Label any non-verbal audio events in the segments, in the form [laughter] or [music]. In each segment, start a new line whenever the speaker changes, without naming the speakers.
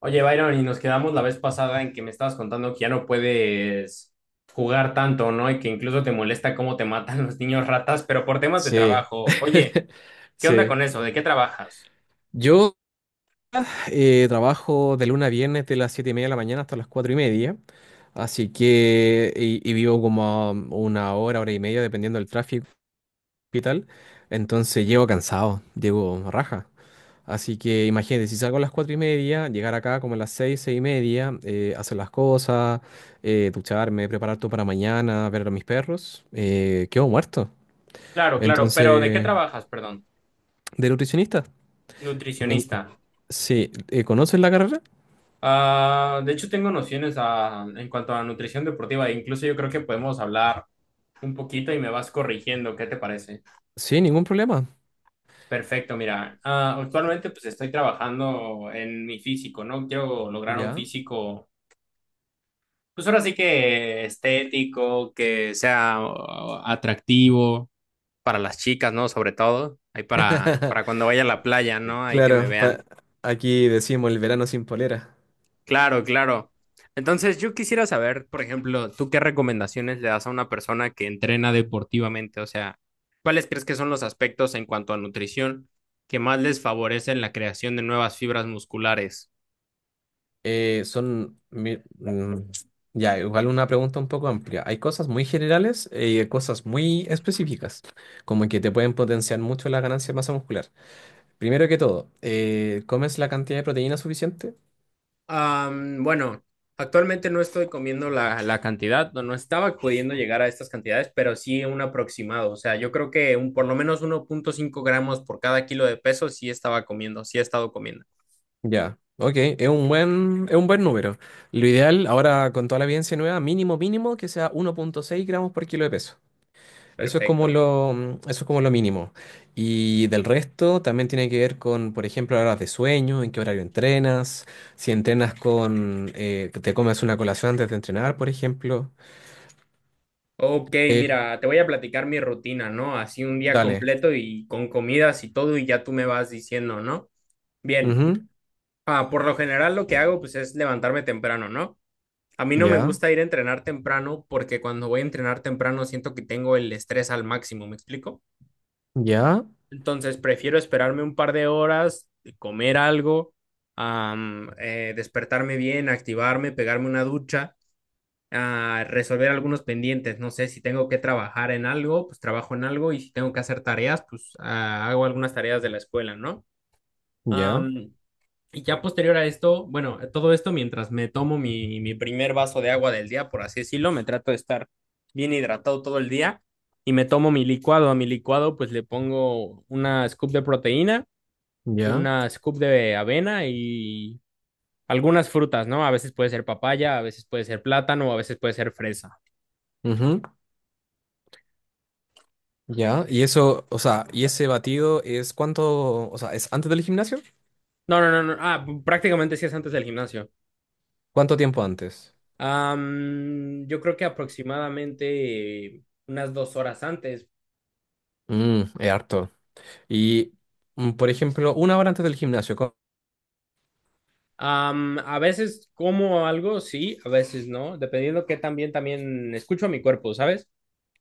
Oye, Byron, y nos quedamos la vez pasada en que me estabas contando que ya no puedes jugar tanto, ¿no? Y que incluso te molesta cómo te matan [laughs] los niños ratas, pero por temas de
Sí,
trabajo. Oye,
[laughs]
¿qué onda
sí.
con eso? ¿De qué trabajas?
Yo trabajo de lunes a viernes de las 7:30 de la mañana hasta las 4:30, así que, y vivo como a una hora, hora y media, dependiendo del tráfico y tal, entonces llego cansado, llego raja. Así que imagínate, si salgo a las 4:30, llegar acá como a las 6, 6:30, hacer las cosas, ducharme, preparar todo para mañana, ver a mis perros, quedo muerto.
Claro, claro, pero ¿de qué
Entonces,
trabajas? Perdón,
de nutricionista. Me,
nutricionista.
Sí, ¿conoces la carrera?
Ah, de hecho, tengo nociones en cuanto a nutrición deportiva. E Incluso yo creo que podemos hablar un poquito y me vas corrigiendo. ¿Qué te parece?
Sí, ningún problema.
Perfecto, mira, actualmente pues estoy trabajando en mi físico, ¿no? Quiero lograr un
Ya.
físico. Pues ahora sí que estético, que sea atractivo para las chicas, ¿no? Sobre todo, ahí para
[laughs]
cuando vaya a la playa, ¿no? Ahí que me
Claro,
vean.
aquí decimos el verano sin polera.
Claro, claro. Entonces, yo quisiera saber, por ejemplo, ¿tú qué recomendaciones le das a una persona que entrena deportivamente? O sea, ¿cuáles crees que son los aspectos en cuanto a nutrición que más les favorecen la creación de nuevas fibras musculares?
Eh, son... mi- mm, ya, igual una pregunta un poco amplia. Hay cosas muy generales y hay cosas muy específicas, como que te pueden potenciar mucho la ganancia de masa muscular. Primero que todo, ¿comes la cantidad de proteína suficiente?
Bueno, actualmente no estoy comiendo la cantidad, no estaba pudiendo llegar a estas cantidades, pero sí un aproximado. O sea, yo creo que un, por lo menos 1,5 gramos por cada kilo de peso sí estaba comiendo, sí he estado comiendo.
Ya, ok, es un buen número. Lo ideal, ahora con toda la evidencia nueva, mínimo, mínimo, que sea 1,6 gramos por kilo de peso. Eso es como
Perfecto.
lo, eso es como lo mínimo. Y del resto también tiene que ver con, por ejemplo, horas de sueño, en qué horario entrenas, si entrenas con, que te comes una colación antes de entrenar, por ejemplo.
Ok,
Eh,
mira, te voy a platicar mi rutina, ¿no? Así un día
dale.
completo y con comidas y todo, y ya tú me vas diciendo, ¿no? Bien,
Ujú.
por lo general lo que hago pues es levantarme temprano, ¿no? A mí no me
Ya,
gusta ir a entrenar temprano porque cuando voy a entrenar temprano siento que tengo el estrés al máximo, ¿me explico?
ya,
Entonces prefiero esperarme un par de horas, comer algo, despertarme bien, activarme, pegarme una ducha, resolver algunos pendientes. No sé si tengo que trabajar en algo, pues trabajo en algo y si tengo que hacer tareas, pues hago algunas tareas de la escuela, ¿no?
ya,
Am, y ya posterior a esto, bueno, todo esto mientras me tomo mi primer vaso de agua del día, por así decirlo, me trato de estar bien hidratado todo el día y me tomo mi licuado. A mi licuado pues le pongo una scoop de proteína,
ya.
una scoop de avena y algunas frutas, ¿no? A veces puede ser papaya, a veces puede ser plátano, a veces puede ser fresa.
Ujú. Ya. Y eso, o sea, y ese batido es cuánto, o sea, ¿es antes del gimnasio?
No, no, no, no. Ah, prácticamente sí es antes del gimnasio.
¿Cuánto tiempo antes?
Yo creo que aproximadamente unas 2 horas antes.
Mm, es harto. Y, por ejemplo, una hora antes del gimnasio.
A veces como algo, sí, a veces no, dependiendo que también, también escucho a mi cuerpo, ¿sabes?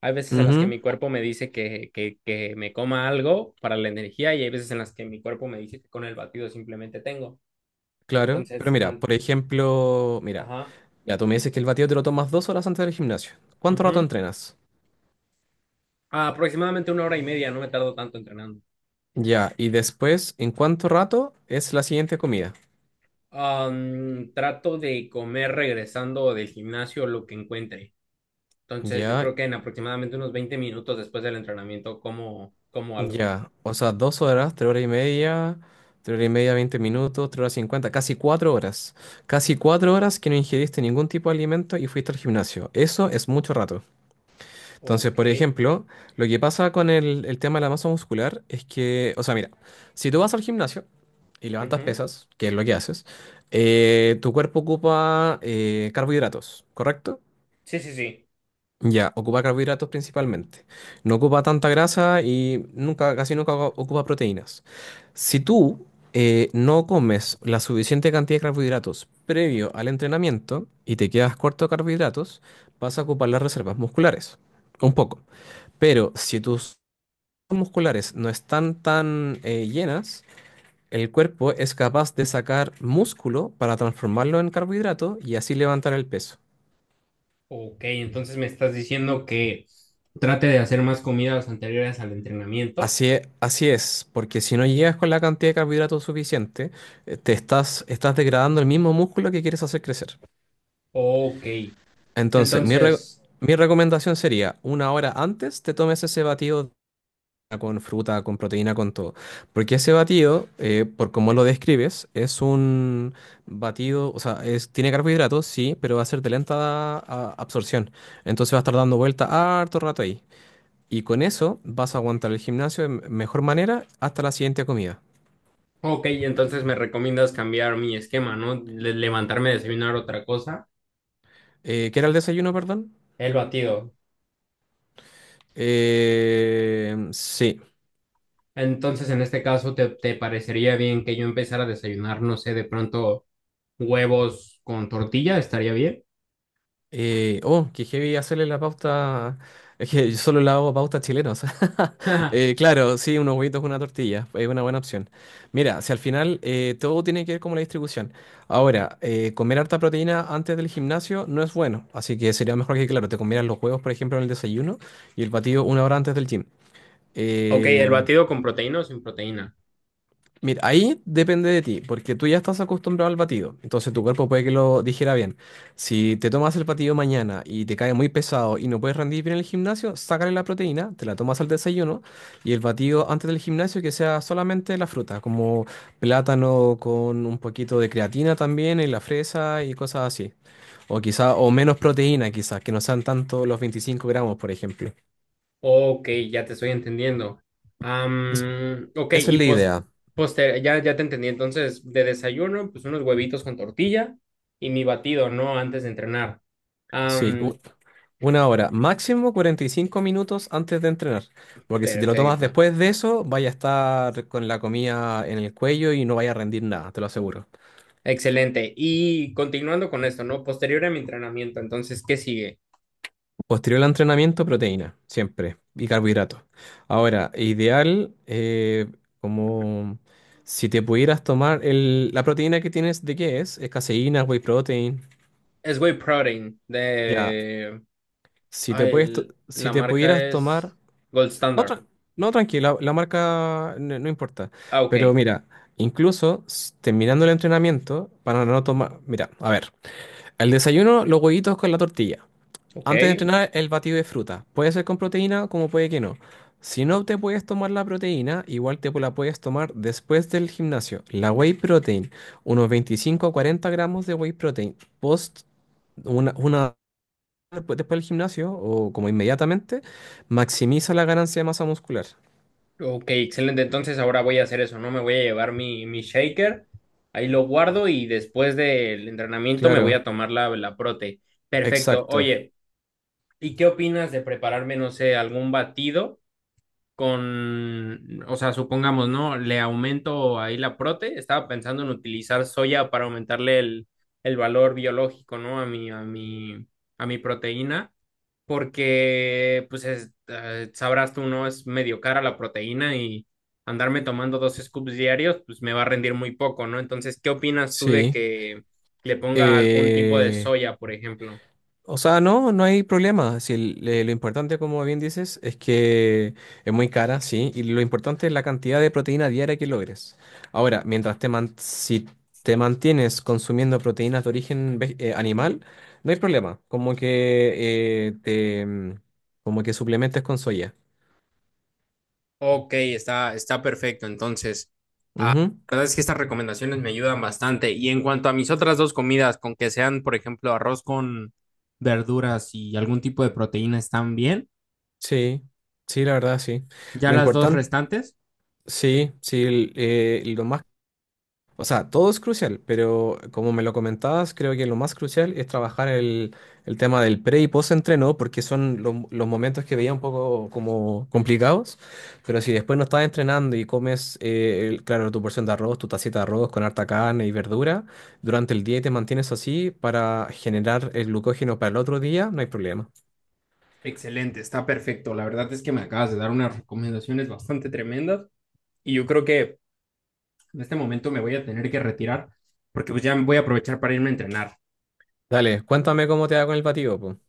Hay veces en las que
Ujú.
mi cuerpo me dice que me coma algo para la energía y hay veces en las que mi cuerpo me dice que con el batido simplemente tengo.
Claro, pero
Entonces,
mira,
man,
por ejemplo, mira,
ajá,
ya tú me dices que el batido te lo tomas 2 horas antes del gimnasio. ¿Cuánto rato
ujú.
entrenas?
Aproximadamente 1 hora y media, no me tardo tanto entrenando.
Ya, y después, ¿en cuánto rato es la siguiente comida?
Trato de comer regresando del gimnasio lo que encuentre. Entonces, yo
Ya,
creo que en aproximadamente unos 20 minutos después del entrenamiento como, como algo.
ya, o sea, dos horas, 3 horas y media, 3 horas y media, 20 minutos, 3 horas 50, casi 4 horas. Casi cuatro horas que no ingeriste ningún tipo de alimento y fuiste al gimnasio. Eso es mucho rato. Entonces,
Ok.
por ejemplo, lo que pasa con el tema de la masa muscular es que, o sea, mira, si tú vas al gimnasio y levantas
Ujú.
pesas, que es lo que haces, tu cuerpo ocupa carbohidratos, ¿correcto?
Sí, sí, sí.
Ya, ocupa carbohidratos principalmente. No ocupa tanta grasa y nunca, casi nunca ocupa proteínas. Si tú no comes la suficiente cantidad de carbohidratos previo al entrenamiento y te quedas corto de carbohidratos, vas a ocupar las reservas musculares. Un poco. Pero si tus musculares no están tan llenas, el cuerpo es capaz de sacar músculo para transformarlo en carbohidrato y así levantar el peso.
Ok, entonces me estás diciendo que trate de hacer más comidas anteriores al entrenamiento.
Así es, porque si no llegas con la cantidad de carbohidratos suficiente, te estás, estás degradando el mismo músculo que quieres hacer crecer.
Ok,
Entonces,
entonces,
mi recomendación sería, una hora antes te tomes ese batido con fruta, con proteína, con todo. Porque ese batido, por cómo lo describes, es un batido, o sea, es, tiene carbohidratos, sí, pero va a ser de lenta absorción. Entonces va a estar dando vuelta harto rato ahí. Y con eso vas a aguantar el gimnasio de mejor manera hasta la siguiente comida.
ok, entonces me recomiendas cambiar mi esquema, ¿no? Levantarme, desayunar otra cosa,
¿Qué era el desayuno, perdón?
el batido.
Sí.
Entonces, en este caso, te parecería bien que yo empezara a desayunar, no sé, de pronto huevos con tortilla? ¿Estaría bien?
Oh, que heavy hacerle la pauta. [laughs] Es que yo solo le hago pautas chilenas. [laughs]
[laughs]
Claro, sí, unos huevitos con una tortilla. Es una buena opción. Mira, si al final todo tiene que ver como la distribución. Ahora, comer harta proteína antes del gimnasio no es bueno. Así que sería mejor que, claro, te comieras los huevos, por ejemplo, en el desayuno y el batido una hora antes del gym.
Ok, el
Eh,
batido con proteína o sin proteína.
Mira, ahí depende de ti, porque tú ya estás acostumbrado al batido, entonces tu cuerpo puede que lo digiera bien. Si te tomas el batido mañana y te cae muy pesado y no puedes rendir bien en el gimnasio, sácale la proteína, te la tomas al desayuno y el batido antes del gimnasio que sea solamente la fruta, como plátano con un poquito de creatina también y la fresa y cosas así. O quizá, o menos proteína quizás, que no sean tanto los 25 gramos, por ejemplo.
Ok, ya te estoy entendiendo.
Es-
Ok,
eso es
y
la
pos,
idea.
ya, ya te entendí. Entonces, de desayuno, pues unos huevitos con tortilla y mi batido, ¿no? Antes de entrenar.
Sí,
Am,
una hora, máximo 45 minutos antes de entrenar, porque si te lo tomas
perfecto.
después de eso, vaya a estar con la comida en el cuello y no vaya a rendir nada, te lo aseguro.
Excelente. Y continuando con esto, ¿no? Posterior a mi entrenamiento, entonces, ¿qué sigue?
Posterior al entrenamiento, proteína, siempre, y carbohidratos. Ahora, ideal, como si te pudieras tomar el, la proteína que tienes, ¿de qué es? Es caseína, whey protein,
Es whey protein
ya.
de...
Si te
ay,
puedes, to- si
la
te
marca
pudieras tomar.
es Gold
No,
Standard.
tra- no, tranquila, la marca no, no importa.
Ah, ok.
Pero mira, incluso terminando el entrenamiento, para no tomar. Mira, a ver, el desayuno, los huevitos con la tortilla.
Ok,
Antes de entrenar, el batido de fruta. Puede ser con proteína, como puede que no. Si no te puedes tomar la proteína, igual te la puedes tomar después del gimnasio. La whey protein, unos 25 a 40 gramos de whey protein. Post una después del gimnasio o como inmediatamente, maximiza la ganancia de masa muscular.
Ok, excelente. Entonces ahora voy a hacer eso, ¿no? Me voy a llevar mi shaker, ahí lo guardo y después del entrenamiento me voy
Claro,
a tomar la prote. Perfecto.
exacto.
Oye, ¿y qué opinas de prepararme, no sé, algún batido con, o sea, supongamos, ¿no? Le aumento ahí la prote, estaba pensando en utilizar soya para aumentarle el valor biológico, ¿no? A mi proteína, porque, pues, sabrás tú, ¿no? Es medio cara la proteína y andarme tomando dos scoops diarios, pues me va a rendir muy poco, ¿no? Entonces, ¿qué opinas tú de
Sí.
que le ponga algún tipo de
Eh,
soya, por ejemplo?
o sea, no, no hay problema. Si el- lo importante, como bien dices, es que es muy cara, sí, y lo importante es la cantidad de proteína diaria que logres. Ahora, mientras si te mantienes consumiendo proteínas de origen animal, no hay problema. Como que te como que suplementes con soya.
Ok, está perfecto. Entonces,
Ujú.
la verdad es que estas recomendaciones me ayudan bastante. Y en cuanto a mis otras dos comidas, con que sean, por ejemplo, arroz con verduras y algún tipo de proteína, están bien.
Sí, sí, la verdad, sí.
Ya
Lo
las dos
importante,
restantes,
sí, sí, el- lo más o sea, todo es crucial, pero como me lo comentabas, creo que lo más crucial es trabajar el tema del pre y post entreno, porque son los momentos que veía un poco como complicados, pero si después no estás entrenando y comes, claro, tu porción de arroz, tu tacita de arroz con harta carne y verdura, durante el día y te mantienes así para generar el glucógeno para el otro día, no hay problema.
excelente, está perfecto. La verdad es que me acabas de dar unas recomendaciones bastante tremendas. Y yo creo que en este momento me voy a tener que retirar porque pues ya voy a aprovechar para irme a entrenar.
Dale, cuéntame cómo te va con el batido, po.